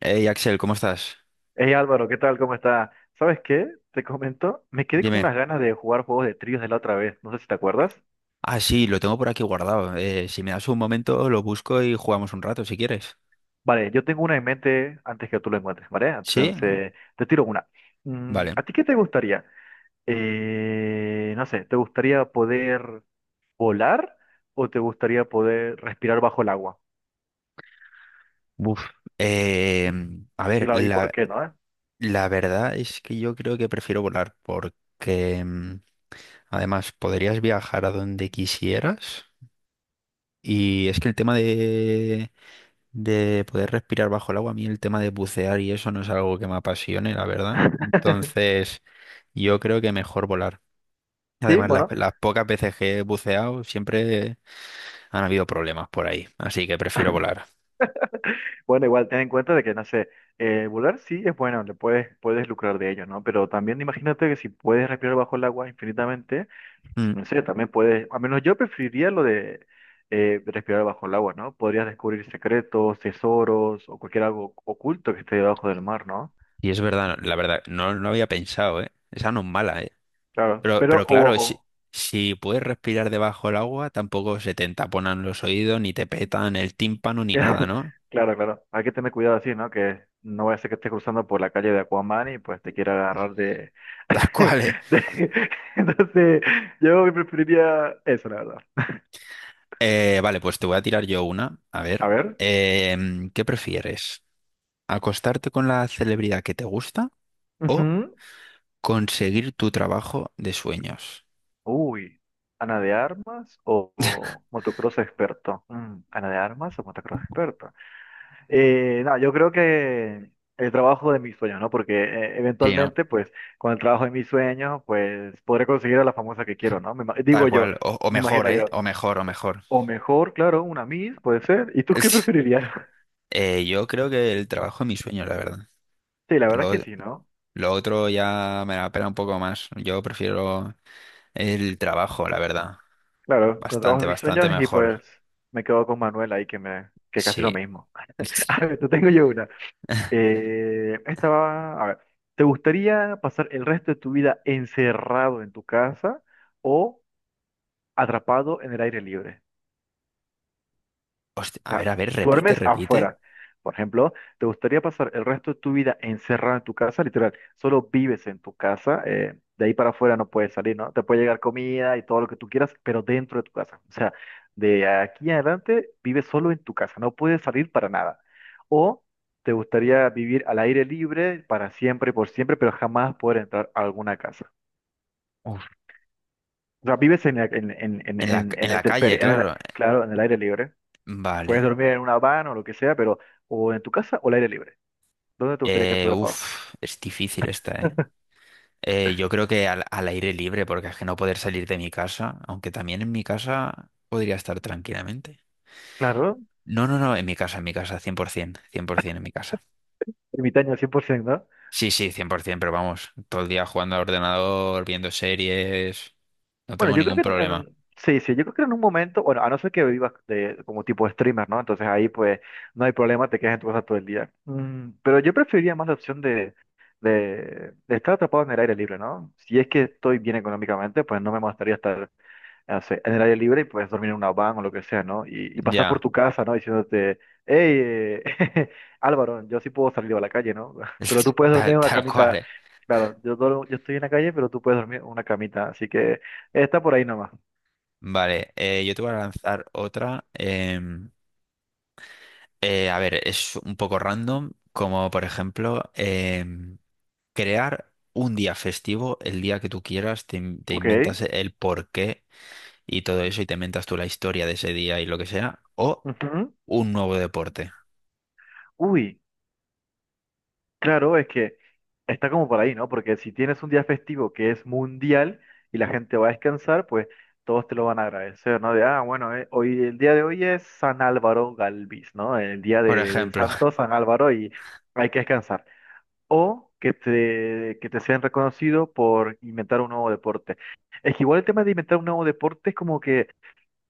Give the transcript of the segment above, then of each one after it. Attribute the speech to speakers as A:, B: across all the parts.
A: Hey Axel, ¿cómo estás?
B: Hey Álvaro, ¿qué tal? ¿Cómo está? ¿Sabes qué? Te comento, me quedé con
A: Dime.
B: unas ganas de jugar juegos de tríos de la otra vez, no sé si te acuerdas.
A: Ah, sí, lo tengo por aquí guardado. Si me das un momento, lo busco y jugamos un rato si quieres.
B: Vale, yo tengo una en mente antes que tú lo encuentres, ¿vale?
A: ¿Sí?
B: Entonces, te tiro una.
A: Vale.
B: ¿A ti qué te gustaría? No sé, ¿te gustaría poder volar o te gustaría poder respirar bajo el agua?
A: Uf. Eh,
B: ¿Mm?
A: a
B: ¿Y,
A: ver,
B: la- y por qué no?
A: la verdad es que yo creo que prefiero volar porque además podrías viajar a donde quisieras. Y es que el tema de poder respirar bajo el agua, a mí el tema de bucear y eso no es algo que me apasione, la verdad. Entonces, yo creo que mejor volar.
B: Sí,
A: Además,
B: bueno,
A: las pocas veces que he buceado siempre han habido problemas por ahí, así que prefiero volar.
B: Bueno, igual ten en cuenta de que, no sé, volar sí es bueno, puedes lucrar de ello, ¿no? Pero también imagínate que si puedes respirar bajo el agua infinitamente,
A: Mm.
B: no sé, también puedes, al menos yo preferiría lo de respirar bajo el agua, ¿no? Podrías descubrir secretos, tesoros o cualquier algo oculto que esté debajo del mar, ¿no?
A: Y es verdad, la verdad, no, no había pensado, ¿eh? Esa no es mala, ¿eh?
B: Claro,
A: Pero
B: pero
A: claro,
B: ojo.
A: si puedes respirar debajo del agua, tampoco se te taponan los oídos, ni te petan el tímpano, ni nada, ¿no?
B: Claro, claro. Hay que tener cuidado así, ¿no? Que no vaya a ser que estés cruzando por la calle de Aquaman y pues te quiera agarrar de...
A: Tal cual, ¿eh?
B: de- Entonces, yo preferiría eso, la verdad.
A: Vale, pues te voy a tirar yo una. A ver,
B: A ver.
A: ¿qué prefieres? ¿Acostarte con la celebridad que te gusta o
B: Ujú.
A: conseguir tu trabajo de sueños?
B: Uy. ¿Ana de armas o motocross experto? Mm, ¿Ana de armas o motocross experto? No, yo creo que el trabajo de mis sueños, ¿no? Porque
A: Sí, ¿no?
B: eventualmente, pues, con el trabajo de mis sueños, pues, podré conseguir a la famosa que quiero, ¿no?
A: Tal
B: Digo yo,
A: cual, o
B: me
A: mejor,
B: imagino
A: ¿eh?
B: yo.
A: O mejor, o mejor.
B: O mejor, claro, una Miss, puede ser. ¿Y tú qué preferirías?
A: Yo creo que el trabajo es mi sueño, la verdad.
B: Sí, la verdad es
A: Lo,
B: que sí, ¿no?
A: lo otro ya me la pela un poco más. Yo prefiero el trabajo, la verdad.
B: Claro, con el trabajo
A: Bastante,
B: de mis
A: bastante
B: sueños y
A: mejor.
B: pues me quedo con Manuel ahí que es casi lo
A: Sí.
B: mismo. A ver, te tengo yo una. Esta va, a ver, ¿te gustaría pasar el resto de tu vida encerrado en tu casa o atrapado en el aire libre?
A: Hostia,
B: O sea,
A: a ver, repite,
B: duermes
A: repite.
B: afuera. Por ejemplo, ¿te gustaría pasar el resto de tu vida encerrado en tu casa? Literal, solo vives en tu casa. De ahí para afuera no puedes salir, ¿no? Te puede llegar comida y todo lo que tú quieras, pero dentro de tu casa. O sea, de aquí en adelante vives solo en tu casa. No puedes salir para nada. O te gustaría vivir al aire libre para siempre, por siempre, pero jamás poder entrar a alguna casa.
A: Uf.
B: O sea, vives en, la- en, en, en, en, en
A: En
B: la
A: la calle,
B: intemperie,
A: claro.
B: claro, en el aire libre.
A: Vale.
B: Puedes dormir en una van o lo que sea, pero o en tu casa o al aire libre. ¿Dónde te gustaría quedarte atrapado?
A: Uf, es difícil esta, ¿eh? Yo creo que al aire libre, porque es que no poder salir de mi casa, aunque también en mi casa podría estar tranquilamente.
B: Claro,
A: No, no, no, en mi casa, cien cien, por ciento, cien por 100% en mi casa.
B: ermitaño al 100%, ¿no?
A: Sí, sí, 100%, pero vamos, todo el día jugando al ordenador, viendo series, no
B: Bueno,
A: tengo
B: yo creo
A: ningún
B: que en
A: problema.
B: sí, sí, yo creo que en un momento, bueno, a no ser que vivas de, como tipo streamer, ¿no? Entonces ahí pues no hay problema, te quedas en tu casa todo el día. Mm, pero yo preferiría más la opción de estar atrapado en el aire libre, ¿no? Si es que estoy bien económicamente, pues no me molestaría estar no en el aire libre y puedes dormir en una van o lo que sea, ¿no? Y pasar por
A: Ya,
B: tu casa, ¿no? Diciéndote, hey, Álvaro, yo sí puedo salir a la calle, ¿no? Pero tú puedes dormir en una
A: tal cual,
B: camita.
A: eh.
B: Claro, yo estoy en la calle, pero tú puedes dormir en una camita. Así que está por ahí nomás.
A: Vale, yo te voy a lanzar otra. A ver, es un poco random, como por ejemplo, crear un día festivo, el día que tú quieras, te
B: Ok.
A: inventas el porqué y todo eso y te inventas tú la historia de ese día y lo que sea, o
B: Ujú.
A: un nuevo deporte.
B: Uy. Claro, es que está como por ahí, ¿no? Porque si tienes un día festivo que es mundial y la gente va a descansar, pues todos te lo van a agradecer, ¿no? De, ah, bueno, hoy, el día de hoy es San Álvaro Galvis, ¿no? El día
A: Por
B: de- de- del
A: ejemplo,
B: santo San Álvaro y hay que descansar. O que te sean reconocidos por inventar un nuevo deporte. Es que igual el tema de inventar un nuevo deporte es como que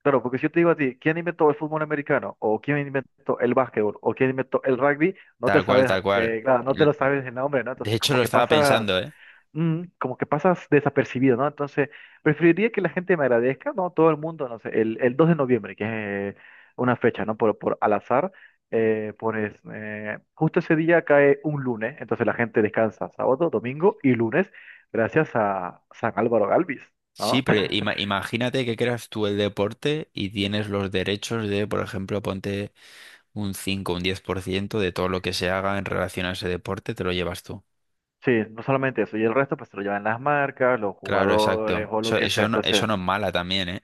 B: claro, porque si yo te digo a ti, ¿quién inventó el fútbol americano? ¿O quién inventó el básquetbol? ¿O quién inventó el rugby? No te
A: tal cual,
B: sabes,
A: tal cual.
B: claro, no te
A: L-
B: lo sabes el nombre, ¿no?
A: De
B: Entonces,
A: hecho,
B: como
A: lo
B: que
A: estaba pensando,
B: pasas,
A: ¿eh?
B: como que pasas desapercibido, ¿no? Entonces, preferiría que la gente me agradezca, ¿no? Todo el mundo, no sé, el 2 de noviembre, que es una fecha, ¿no? Por al azar, pones, justo ese día cae un lunes, entonces la gente descansa sábado, domingo y lunes, gracias a San Álvaro Galvis,
A: Sí,
B: ¿no?
A: pero imagínate que creas tú el deporte y tienes los derechos de, por ejemplo, ponte un 10% de todo lo que se haga en relación a ese deporte, te lo llevas tú.
B: Sí, no solamente eso, y el resto pues se lo llevan las marcas, los
A: Claro,
B: jugadores
A: exacto.
B: o lo que sea.
A: Eso
B: Entonces,
A: no es mala también, ¿eh?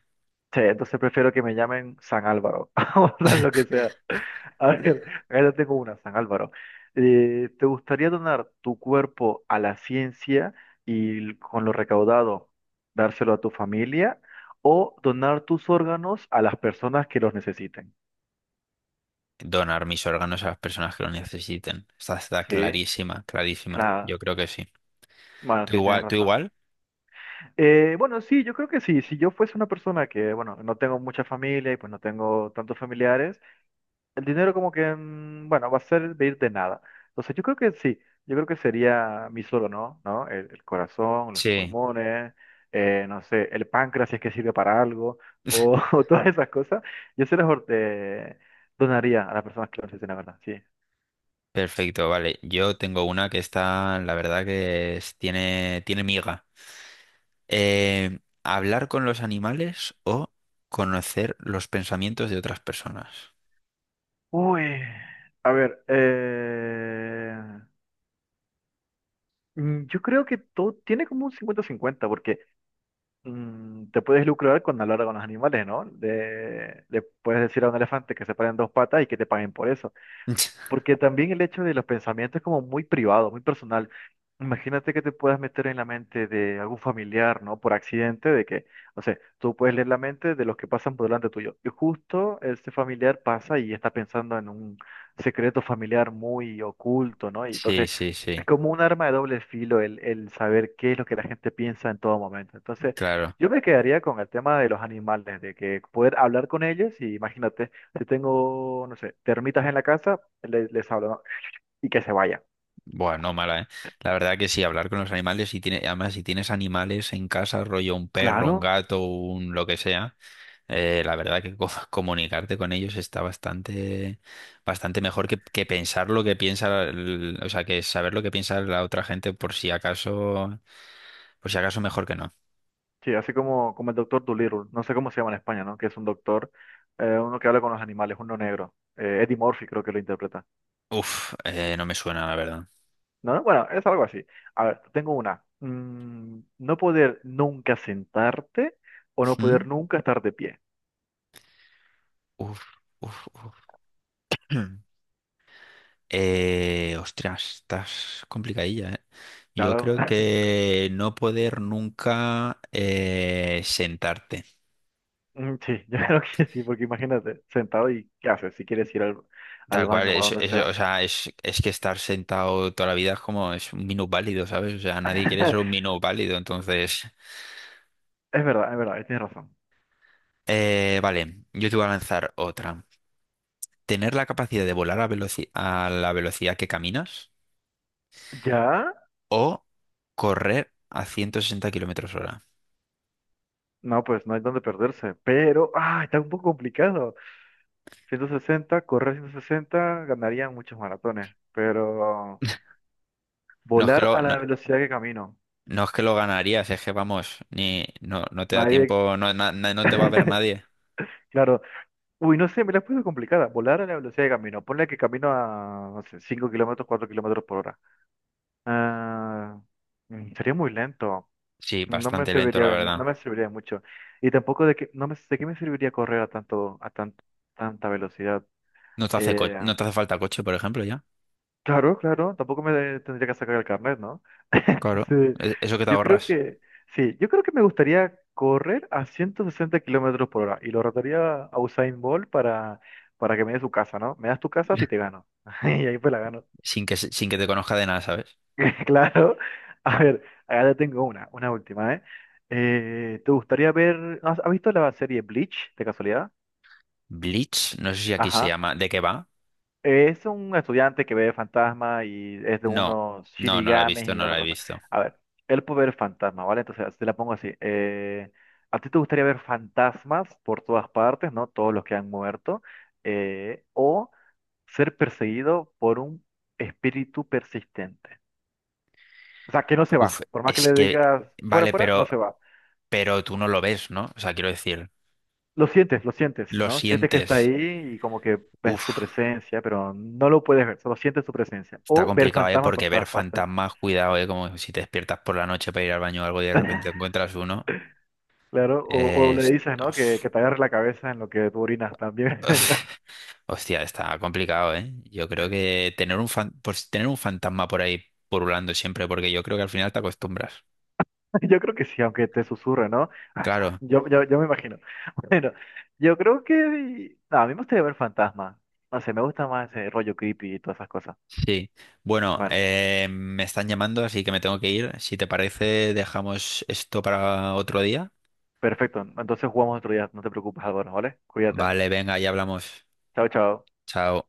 B: sí, entonces prefiero que me llamen San Álvaro, o sea, lo que sea. A ver, ahora tengo una, San Álvaro. ¿Te gustaría donar tu cuerpo a la ciencia y con lo recaudado dárselo a tu familia o donar tus órganos a las personas que los necesiten?
A: Donar mis órganos a las personas que lo necesiten. Está
B: Sí,
A: clarísima, clarísima.
B: claro.
A: Yo creo que sí.
B: Bueno,
A: ¿Tú
B: sí, tienes
A: igual? ¿Tú
B: razón.
A: igual?
B: Bueno, sí, yo creo que sí. Si yo fuese una persona que, bueno, no tengo mucha familia y pues no tengo tantos familiares, el dinero como que, bueno, va a ser de ir de nada. Entonces yo creo que sí, yo creo que sería mi solo, ¿no? ¿No? El corazón, los
A: Sí.
B: pulmones, no sé, el páncreas si es que sirve para algo, o, o todas esas cosas. Yo se las or- Donaría a las personas que lo necesiten, la verdad, sí.
A: Perfecto, vale. Yo tengo una que está, la verdad que tiene, miga. ¿Hablar con los animales o conocer los pensamientos de otras personas?
B: Uy, a ver, yo creo que todo tiene como un cincuenta cincuenta porque... te puedes lucrar con hablar con los animales, ¿no? Le puedes decir a un elefante que se paren dos patas y que te paguen por eso. Porque también el hecho de los pensamientos es como muy privado, muy personal. Imagínate que te puedas meter en la mente de algún familiar, ¿no? Por accidente, de que, no sé, tú puedes leer la mente de los que pasan por delante tuyo. Y justo este familiar pasa y está pensando en un secreto familiar muy oculto, ¿no? Y
A: Sí,
B: entonces
A: sí,
B: es
A: sí,
B: como un arma de doble filo el saber qué es lo que la gente piensa en todo momento. Entonces
A: claro.
B: yo me quedaría con el tema de los animales, de que poder hablar con ellos y imagínate. Si tengo, no sé, termitas en la casa, les habla, ¿no? Y que se vaya.
A: Bueno, mala, ¿eh? La verdad que sí, hablar con los animales, y tiene, además si tienes animales en casa, rollo un perro, un
B: Claro,
A: gato, un lo que sea. La verdad que comunicarte con ellos está bastante, bastante mejor que pensar lo que piensa, o sea, que saber lo que piensa la otra gente por si acaso mejor que no.
B: sí, así como, como el doctor Dolittle, no sé cómo se llama en España, ¿no? Que es un doctor, uno que habla con los animales, uno negro. Eddie Murphy creo que lo interpreta.
A: Uf, no me suena, la verdad.
B: No, bueno, es algo así. A ver, tengo una. No poder nunca sentarte o no
A: ¿Mm?
B: poder nunca estar de pie.
A: Uf, uf, uf. Ostras, estás complicadilla, ¿eh? Yo
B: Claro,
A: creo que no poder nunca sentarte.
B: Sí, yo creo que sí, porque imagínate, sentado y ¿qué haces? Si quieres ir al
A: Tal cual,
B: baño o a donde
A: o
B: sea.
A: sea, es que estar sentado toda la vida es como es un minusválido, válido, ¿sabes? O sea, nadie quiere ser un minusválido, válido, entonces...
B: Es verdad, tienes razón.
A: Vale, yo te voy a lanzar otra. ¿Tener la capacidad de volar a la velocidad que caminas
B: ¿Ya?
A: o correr a 160 kilómetros hora?
B: No, pues no hay donde perderse, pero ah, está un poco complicado. 160, correr 160 ganarían muchos maratones, pero volar a
A: No,
B: la velocidad que camino.
A: no es que lo ganarías, es que vamos, ni, no, no te da
B: Nadie,
A: tiempo, no te va a ver nadie.
B: claro. Uy, no sé, me la puse complicada. Volar a la velocidad que camino. Ponle que camino a, no sé, 5 kilómetros, 4 kilómetros por hora. Ah, sería muy lento.
A: Sí,
B: No me
A: bastante lento,
B: serviría
A: la
B: no
A: verdad.
B: me serviría de mucho. Y tampoco de que, no me, de qué me serviría correr a tanto, a tan, tanta velocidad. Eh,
A: No te hace falta coche, por ejemplo, ya.
B: Claro, claro, tampoco me tendría que sacar el carnet, ¿no?
A: Claro,
B: Sí,
A: eso que te
B: yo creo
A: ahorras.
B: que, sí, yo creo que me gustaría correr a 160 kilómetros por hora y lo retaría a Usain Bolt para que me dé su casa, ¿no? Me das tu casa si te gano. Y ahí pues la gano.
A: Sin que, sin que te conozca de nada, ¿sabes?
B: Claro. A ver, acá ya tengo una última, ¿eh? Te gustaría ver, no, ¿has, has visto la serie Bleach, de casualidad?
A: Bleach, no sé si aquí se
B: Ajá.
A: llama. ¿De qué va?
B: Es un estudiante que ve fantasma y es de
A: No,
B: unos
A: no, no la he
B: shinigames
A: visto,
B: y
A: no
B: otra
A: la he
B: cosa.
A: visto.
B: A ver, él puede ver fantasma, ¿vale? Entonces, te la pongo así. ¿A ti te gustaría ver fantasmas por todas partes, ¿no? Todos los que han muerto. O ser perseguido por un espíritu persistente. O sea, que no se va.
A: Uf,
B: Por más que
A: es
B: le
A: que,
B: digas fuera,
A: vale,
B: fuera, no
A: pero,
B: se va.
A: tú no lo ves, ¿no? O sea, quiero decir,
B: Lo sientes,
A: lo
B: ¿no? Sientes que está
A: sientes.
B: ahí y como que ves su
A: Uf,
B: presencia, pero no lo puedes ver, solo sientes su presencia.
A: está
B: O ver
A: complicado, ¿eh?
B: fantasmas por
A: Porque ver
B: todas partes.
A: fantasmas, cuidado, ¿eh? Como si te despiertas por la noche para ir al baño o algo y de repente encuentras uno.
B: Claro, o
A: eh,
B: le
A: es-
B: dices, ¿no?
A: Uf.
B: Que te agarre la cabeza en lo que tú orinas también.
A: Hostia, está complicado, ¿eh? Yo creo que tener un pues tener un fantasma por ahí purulando siempre, porque yo creo que al final te acostumbras.
B: Yo creo que sí, aunque te susurre, ¿no? Ay, ay,
A: Claro,
B: yo me imagino. Bueno, yo creo que... no, a mí me gustaría ver fantasmas. No sé, me gusta más ese rollo creepy y todas esas cosas.
A: sí, bueno,
B: Bueno,
A: me están llamando, así que me tengo que ir. Si te parece, dejamos esto para otro día.
B: perfecto. Entonces jugamos otro día. No te preocupes, Álvaro, ¿vale? Cuídate.
A: Vale, venga, ya hablamos.
B: Chao, chao.
A: Chao.